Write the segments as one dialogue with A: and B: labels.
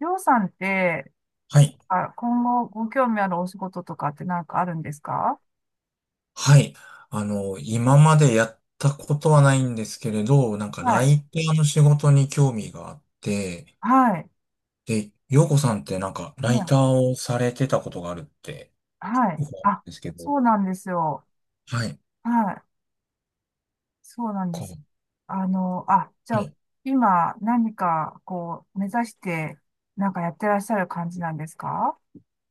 A: りょうさんって、
B: はい。
A: あ、今後ご興味あるお仕事とかってなんかあるんですか？
B: はい。今までやったことはないんですけれど、なんか
A: は
B: ラ
A: い。
B: イターの仕事に興味があって、
A: はい。
B: で、洋子さんってなんかライ
A: ね。
B: ターをされてたことがあるって
A: はい。
B: 伺うん
A: あ、
B: ですけど、
A: そうなんですよ。
B: はい。
A: はい。そうなんで
B: こう、
A: す。あ、じゃ
B: は
A: あ、
B: い。
A: 今何かこう、目指して、なんかやってらっしゃる感じなんですか？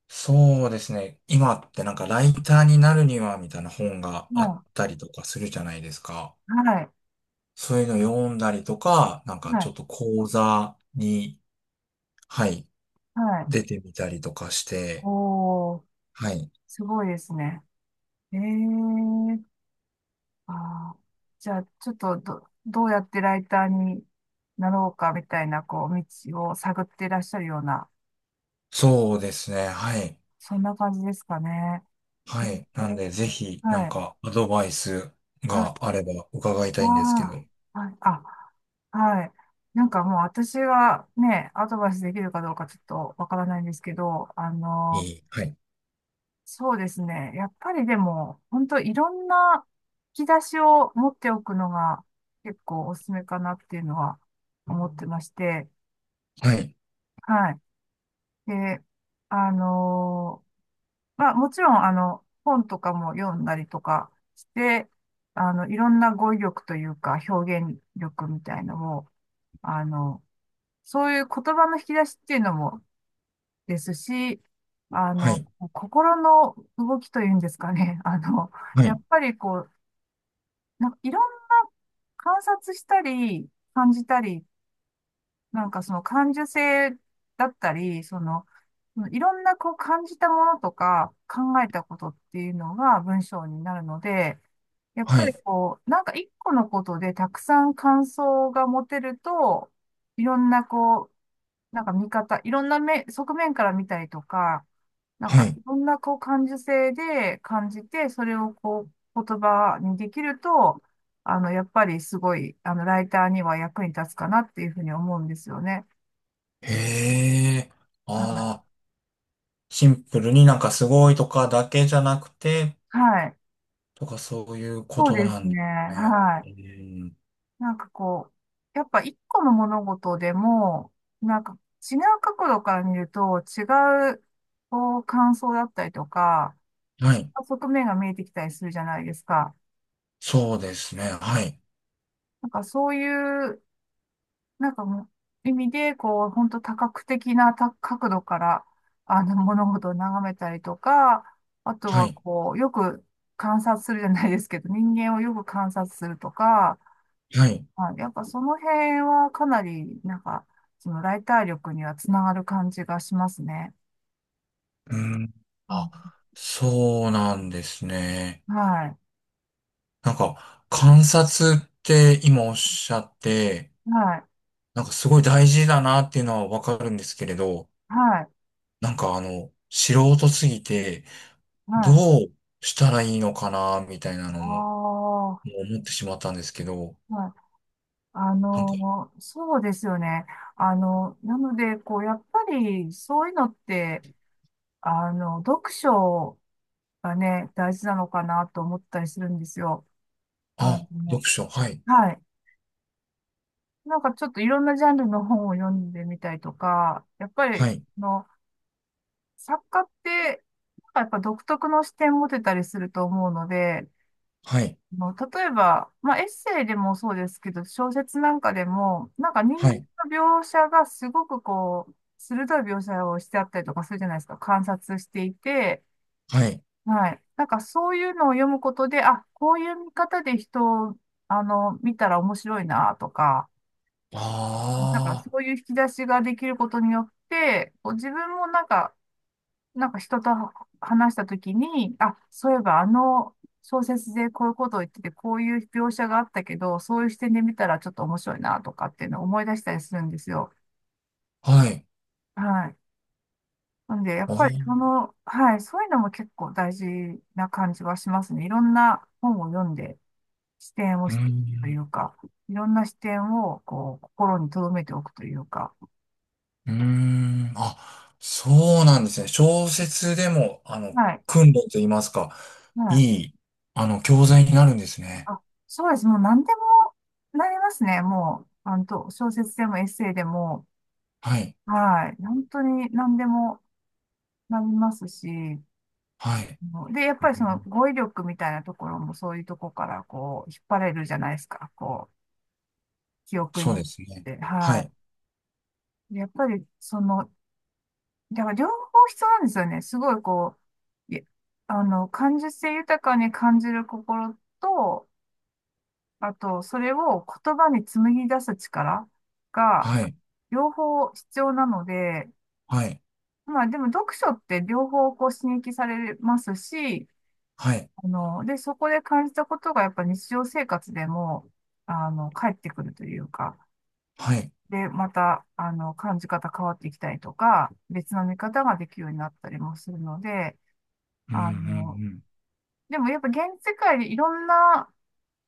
B: そうですね。今ってなんかライターになるにはみたいな本があっ
A: は
B: たりとかするじゃないですか。
A: い。はい。
B: そういうの読んだりとか、なんか
A: は
B: ちょ
A: い。
B: っと講座に、はい、
A: はい。
B: 出てみたりとかして、
A: おー、
B: はい。
A: すごいですね。えー。ああ、じゃあ、ちょっとどうやってライターになろうかみたいな、こう、道を探っていらっしゃるような、
B: そうですね。はい。
A: そんな感じですかね。え
B: はい。なん
A: ー。
B: で、ぜひ、な
A: は
B: ん
A: い。
B: か、アドバイス
A: はい。
B: があれば伺いたいんですけど。
A: わ
B: い
A: あ、はい。あ、はい。なんかもう私がね、アドバイスできるかどうかちょっとわからないんですけど、
B: い。はい。
A: そうですね。やっぱりでも、本当いろんな引き出しを持っておくのが結構おすすめかなっていうのは思ってまして、
B: はい。
A: はい。で、あのーまあ、もちろん、本とかも読んだりとかして、いろんな語彙力というか、表現力みたいのも、あの、そういう言葉の引き出しっていうのもですし、あ
B: は
A: の、
B: い。
A: 心の動きというんですかね。
B: は
A: や
B: い。
A: っぱりこう、なんかいろんな観察したり、感じたり、なんかその感受性だったり、その、いろんなこう感じたものとか考えたことっていうのが文章になるので、やっ
B: は
A: ぱり
B: い。
A: こう、なんか一個のことでたくさん感想が持てると、いろんなこう、なんか見方、いろんな目、側面から見たりとか、なん
B: は
A: か
B: い。
A: いろんなこう感受性で感じて、それをこう言葉にできると、やっぱりすごい、ライターには役に立つかなっていうふうに思うんですよね。
B: へえ。
A: はい。
B: ああ、シンプルになんかすごいとかだけじゃなくて、
A: はい。
B: とかそういうこ
A: そう
B: と
A: で
B: な
A: す
B: んで
A: ね。
B: すね。
A: は
B: う
A: い。
B: ん。
A: なんかこう、やっぱ一個の物事でも、なんか違う角度から見ると違う、こう、感想だったりとか、
B: は
A: 違
B: い。
A: う側面が見えてきたりするじゃないですか。
B: そうですね。はい。
A: なんかそういう、なんかもう意味で、こう、本当多角的な角度から、物事を眺めたりとか、あと
B: は
A: は
B: い。
A: こう、よく観察するじゃないですけど、人間をよく観察するとか、
B: はい。
A: はい、やっぱその辺はかなり、なんか、そのライター力にはつながる感じがしますね。
B: うん。
A: うん。
B: あ、そうなんですね。
A: はい。
B: なんか、観察って今おっしゃって、
A: はい。
B: なんかすごい大事だなっていうのはわかるんですけれど、
A: はい。
B: 素人すぎて、ど
A: はい。
B: うしたらいいのかな、みたいなの
A: あ
B: も、
A: あ、は
B: もう思ってしまったんですけど、
A: い。
B: なんか、
A: そうですよね。なので、こう、やっぱり、そういうのって、読書がね、大事なのかなと思ったりするんですよ。あ
B: あ、
A: の、
B: 読書、はい、
A: はい。なんかちょっといろんなジャンルの本を読んでみたいとか、やっぱ
B: は
A: り、
B: い、
A: の作家って、なんかやっぱ独特の視点持てたりすると思うので、
B: はい、
A: もう例えば、まあ、エッセイでもそうですけど、小説なんかでも、なんか人間
B: はい、
A: の描写がすごくこう、鋭い描写をしてあったりとかするじゃないですか。観察していて、
B: はい、
A: はい。なんかそういうのを読むことで、あ、こういう見方で人を、見たら面白いなとか、
B: あ
A: なんかそういう引き出しができることによって、こう自分もなんか人と話したときに、あ、そういえばあの小説でこういうことを言ってて、こういう描写があったけど、そういう視点で見たらちょっと面白いなとかっていうのを思い出したりするんですよ。
B: あ、はい、
A: はい。なんで、やっ
B: あー
A: ぱりその、はい、そういうのも結構大事な感じはしますね。いろんな本を読んで、視点を
B: う
A: しとい
B: ん
A: うか、いろんな視点をこう心に留めておくというか、
B: うーん。あ、そうなんですね。小説でも、
A: はい。
B: 訓練と言いますか、
A: はい。
B: いい、教材になるんですね。
A: あ、そうです。もう何でもなりますね。もう、と小説でもエッセイでも、
B: はい。
A: はい。本当に何でもなりますし、
B: はい。
A: もうで、やっ
B: う
A: ぱ
B: ん
A: りその語彙力みたいなところもそういうとこからこう、引っ張れるじゃないですか。こう、記憶に
B: そう
A: 乗っ
B: ですね。
A: て、
B: は
A: は
B: い。
A: い。でやっぱりその、だから両方必要なんですよね。すごいこう、いあの、感受性豊かに感じる心と、あと、それを言葉に紡ぎ出す力が、
B: はい。
A: 両方必要なので、
B: はい。
A: まあでも読書って両方こう刺激されますし、
B: はい。
A: で、そこで感じたことがやっぱ日常生活でも、返ってくるというか、
B: はい。
A: で、また、感じ方変わってきたりとか、別の見方ができるようになったりもするので、
B: うん、うん、
A: あの、
B: うん。
A: でもやっぱ現世界でいろんな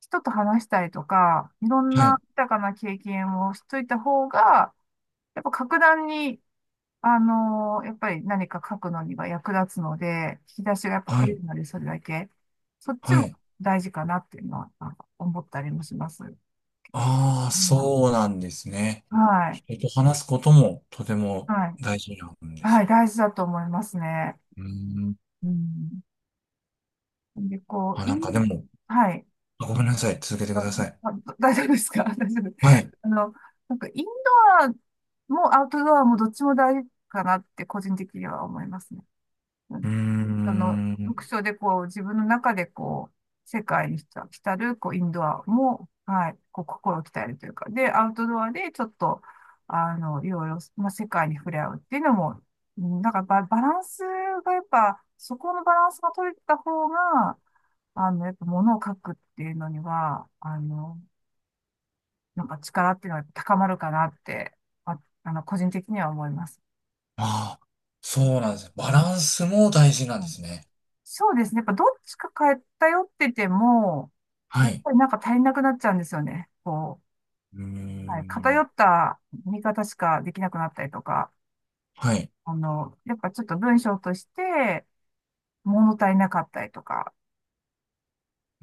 A: 人と話したりとか、いろん
B: はい。
A: な豊かな経験をしといた方が、やっぱ格段にやっぱり何か書くのには役立つので、引き出しがやっぱ
B: は
A: 増え
B: い。
A: るので、それだけ。そっち
B: は
A: も
B: い。
A: 大事かなっていうのは、なんか思ったりもします。う
B: ああ、そ
A: ん。
B: うなんですね。
A: はい。
B: 人と話すこともとても
A: はい。
B: 大事なんで
A: は
B: す
A: い。
B: ね。
A: 大事だと思いますね。
B: うーん。
A: うん。で、こ
B: あ、
A: う、
B: なんかでも、
A: はい。
B: あごめんなさい。続けて
A: あ、
B: ください。
A: 大丈夫ですか？ 大丈夫。
B: はい。う
A: あの、なんかインドアもアウトドアもどっちも大事かなって個人的には思いますね。
B: ーん。
A: 読書でこう、自分の中でこう、世界に浸る、こう、インドアも、はい、こう、心を鍛えるというか、で、アウトドアでちょっと、いろいろ、まあ、世界に触れ合うっていうのも、うん、なんかバランスがやっぱ、そこのバランスが取れた方が、やっぱ物を書くっていうのには、なんか力っていうのは高まるかなって、あ、個人的には思います。
B: ああ、そうなんですね。バランスも大事なん
A: う
B: で
A: ん。
B: すね。
A: そうですね。やっぱどっちか偏ってても、
B: は
A: やっ
B: い。
A: ぱりなんか足りなくなっちゃうんですよね。こ
B: うー
A: う、はい、偏
B: ん。
A: った見方しかできなくなったりとか、
B: はい。
A: やっぱちょっと文章として物足りなかったりとか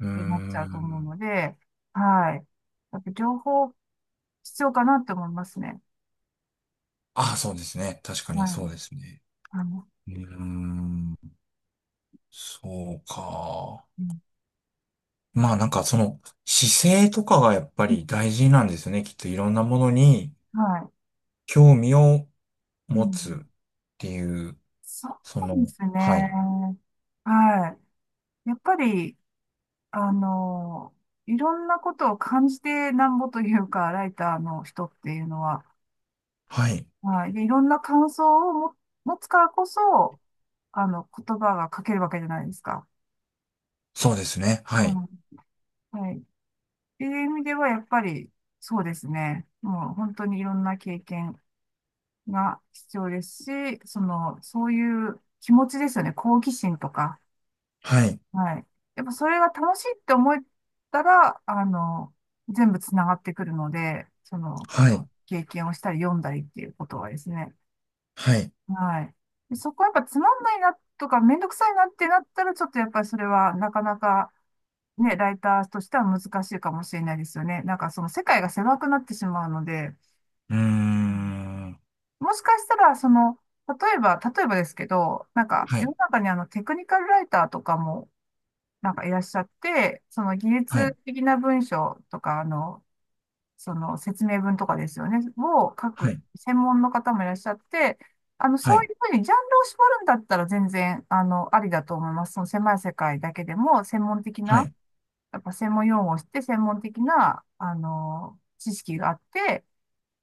B: うー
A: てなっちゃうと思う
B: ん。
A: ので、はい。やっぱ情報必要かなって思いますね。
B: ああ、そうですね。確か
A: は
B: にそ
A: い。
B: うですね。
A: あの、
B: うーん。そうか。
A: うん。
B: まあなんかその姿勢とかがやっぱり大事なんですよね。きっといろんなものに
A: は
B: 興味を
A: い。う
B: 持つ
A: ん、
B: っていう、
A: そ
B: そ
A: うで
B: の、
A: す
B: は
A: ね。
B: い。
A: はい。やっぱり、あの、いろんなことを感じてなんぼというか、ライターの人っていうのは、
B: はい。
A: はい。で、いろんな感想をも持つからこそ、言葉が書けるわけじゃないですか。
B: そうですね。は
A: う
B: い。
A: ん。はい。っていう意味では、やっぱり、そうですね。もう本当にいろんな経験が必要ですし、その、そういう気持ちですよね。好奇心とか。
B: はい。
A: はい。やっぱそれが楽しいって思えたら、全部つながってくるので、その、
B: はい。
A: 経験をしたり読んだりっていうことはですね。
B: はい。
A: はい。でそこはやっぱつまんないなとかめんどくさいなってなったら、ちょっとやっぱりそれはなかなかね、ライターとしては難しいかもしれないですよね。なんかその世界が狭くなってしまうので、
B: うー
A: うん、
B: ん。
A: もしかしたらその、例えばですけど、なんか
B: は
A: 世
B: い。
A: の中にテクニカルライターとかもなんかいらっしゃって、その技
B: はい。
A: 術的な文章とか、その説明文とかですよね、を書
B: は
A: く
B: い
A: 専門の方もいらっしゃって、
B: は
A: そうい
B: い。
A: うふうにジャンルを絞るんだったら全然、ありだと思います。その狭い世界だけでも、専門的
B: は
A: な、
B: い。
A: やっぱ専門用語を知って、専門的な、知識があって、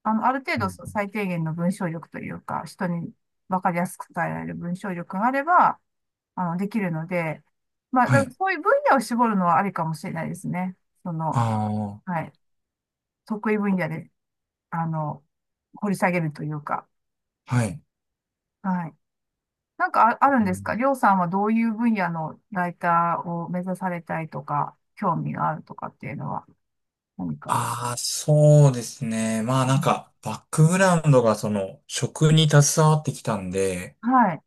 A: ある程
B: う
A: 度そう
B: ん。
A: 最低限の文章力というか、人に分かりやすく伝えられる文章力があれば、できるので、まあ、
B: は
A: だから
B: い。
A: そういう分野を絞るのはありかもしれないですね。その、
B: あ
A: はい。得意分野であの、掘り下げるというか。
B: あ、はい。
A: はい。ある
B: う
A: んですか、
B: ん
A: りょうさんはどういう分野のライターを目指されたいとか、興味があるとかっていうのは何か。
B: ああ、そうですね。まあ
A: う
B: なん
A: ん、
B: か、バックグラウンドがその、食に携わってきたんで、
A: はい。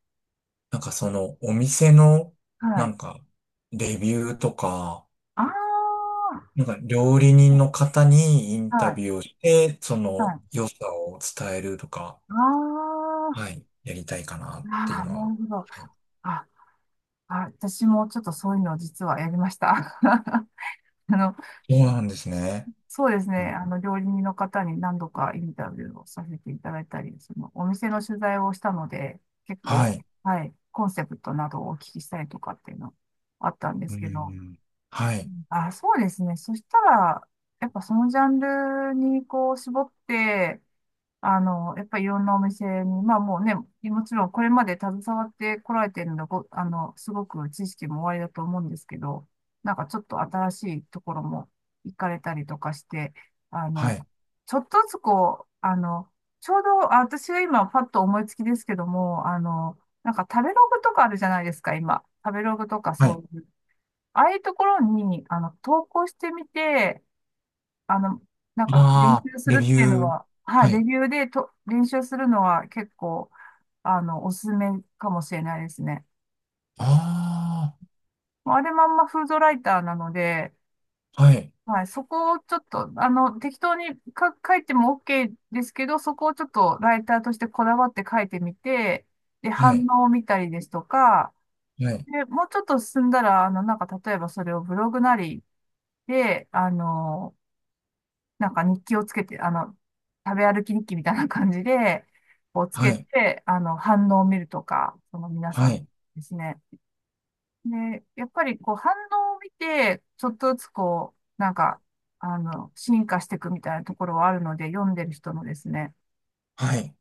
B: なんかその、お店の、
A: は
B: な
A: い。
B: んか、レビューとか、
A: ああ。
B: なんか料理人の方にインタ
A: はい。
B: ビューをして、そ
A: は
B: の、
A: い。
B: 良さを伝えるとか、
A: あ
B: は
A: あ。
B: い、やりたいかなっ
A: あ
B: ていう
A: あ、
B: のは。
A: な
B: は
A: るほど。
B: い。
A: あ、私もちょっとそういうのを実はやりました。あの、
B: そうなんですね。
A: そうですね。
B: うん
A: あの、料理人の方に何度かインタビューをさせていただいたり、その、お店の取材をしたので、結
B: は
A: 構、
B: い。
A: はい、コンセプトなどをお聞きしたりとかっていうのあったんで
B: う
A: すけど、
B: んはい。
A: あ、そうですね。そしたら、やっぱそのジャンルにこう絞って、あの、やっぱりいろんなお店に、まあもうね、もちろんこれまで携わってこられてるので、ご、あの、すごく知識もおありだと思うんですけど、なんかちょっと新しいところも行かれたりとかして、あ
B: は
A: の、
B: い。
A: ちょっとずつこう、ちょうど、あ、私が今パッと思いつきですけども、なんか食べログとかあるじゃないですか、今。食べログとか
B: はい。
A: そういう。ああいうところに、投稿してみて、あの、なんか練
B: まあ、
A: 習す
B: レ
A: る
B: ビ
A: っていうの
B: ュー。
A: は、はい、
B: は
A: レ
B: い。
A: ビューでと練習するのは結構、おすすめかもしれないですね。
B: あ
A: もうあれまんまフードライターなので、
B: あ、はい、
A: はい、そこをちょっと、適当にか書いても OK ですけど、そこをちょっとライターとしてこだわって書いてみて、で、
B: は
A: 反
B: い、
A: 応を見たりですとか、
B: はい、
A: で、もうちょっと進んだら、なんか例えばそれをブログなりで、なんか日記をつけて、食べ歩き日記みたいな感じで、こうつ
B: は
A: け
B: い、
A: て、反応を見るとか、その皆
B: は
A: さん
B: い、
A: ですね。で、やっぱりこう反応を見て、ちょっとずつこう、なんか、進化していくみたいなところはあるので、読んでる人のですね。
B: はい。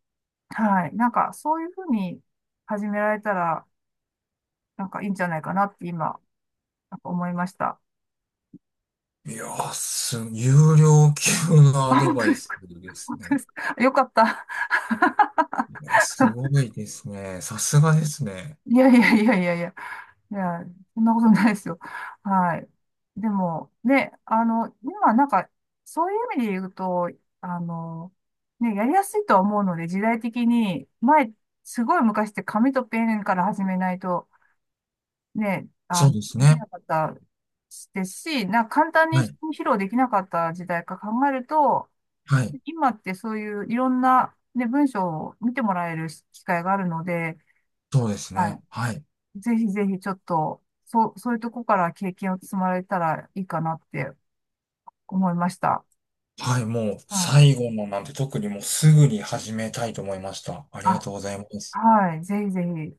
A: はい。なんか、そういうふうに始められたら、なんかいいんじゃないかなって今、なんか思いました。
B: いやー、す、有料級のア
A: あ、
B: ド
A: 本当
B: バ
A: で
B: イ
A: す
B: ス
A: か。
B: で す
A: 本当で
B: ね。
A: すか。よかった。
B: いやすごいですね。さすがですね。
A: いやいやいやいやいや。いや、そんなことないですよ。はい。でも、ね、今なんか、そういう意味で言うと、あの、ね、やりやすいとは思うので、時代的に、前、すごい昔って紙とペンから始めないと、ね、
B: そうです
A: でき
B: ね。
A: なかったですし、なんか簡単に
B: はい、
A: 披露できなかった時代か考えると、
B: はい、
A: 今ってそういういろんな、ね、文章を見てもらえる機会があるので、
B: そうです
A: は
B: ね。はい、
A: い、ぜひぜひちょっと、そう、そういうとこから経験を積まれたらいいかなって思いました。
B: はい、もう、
A: はい。
B: 最後のなんて特にもうすぐに始めたいと思いました。ありが
A: あ、
B: とうございます。
A: はい。ぜひぜひ。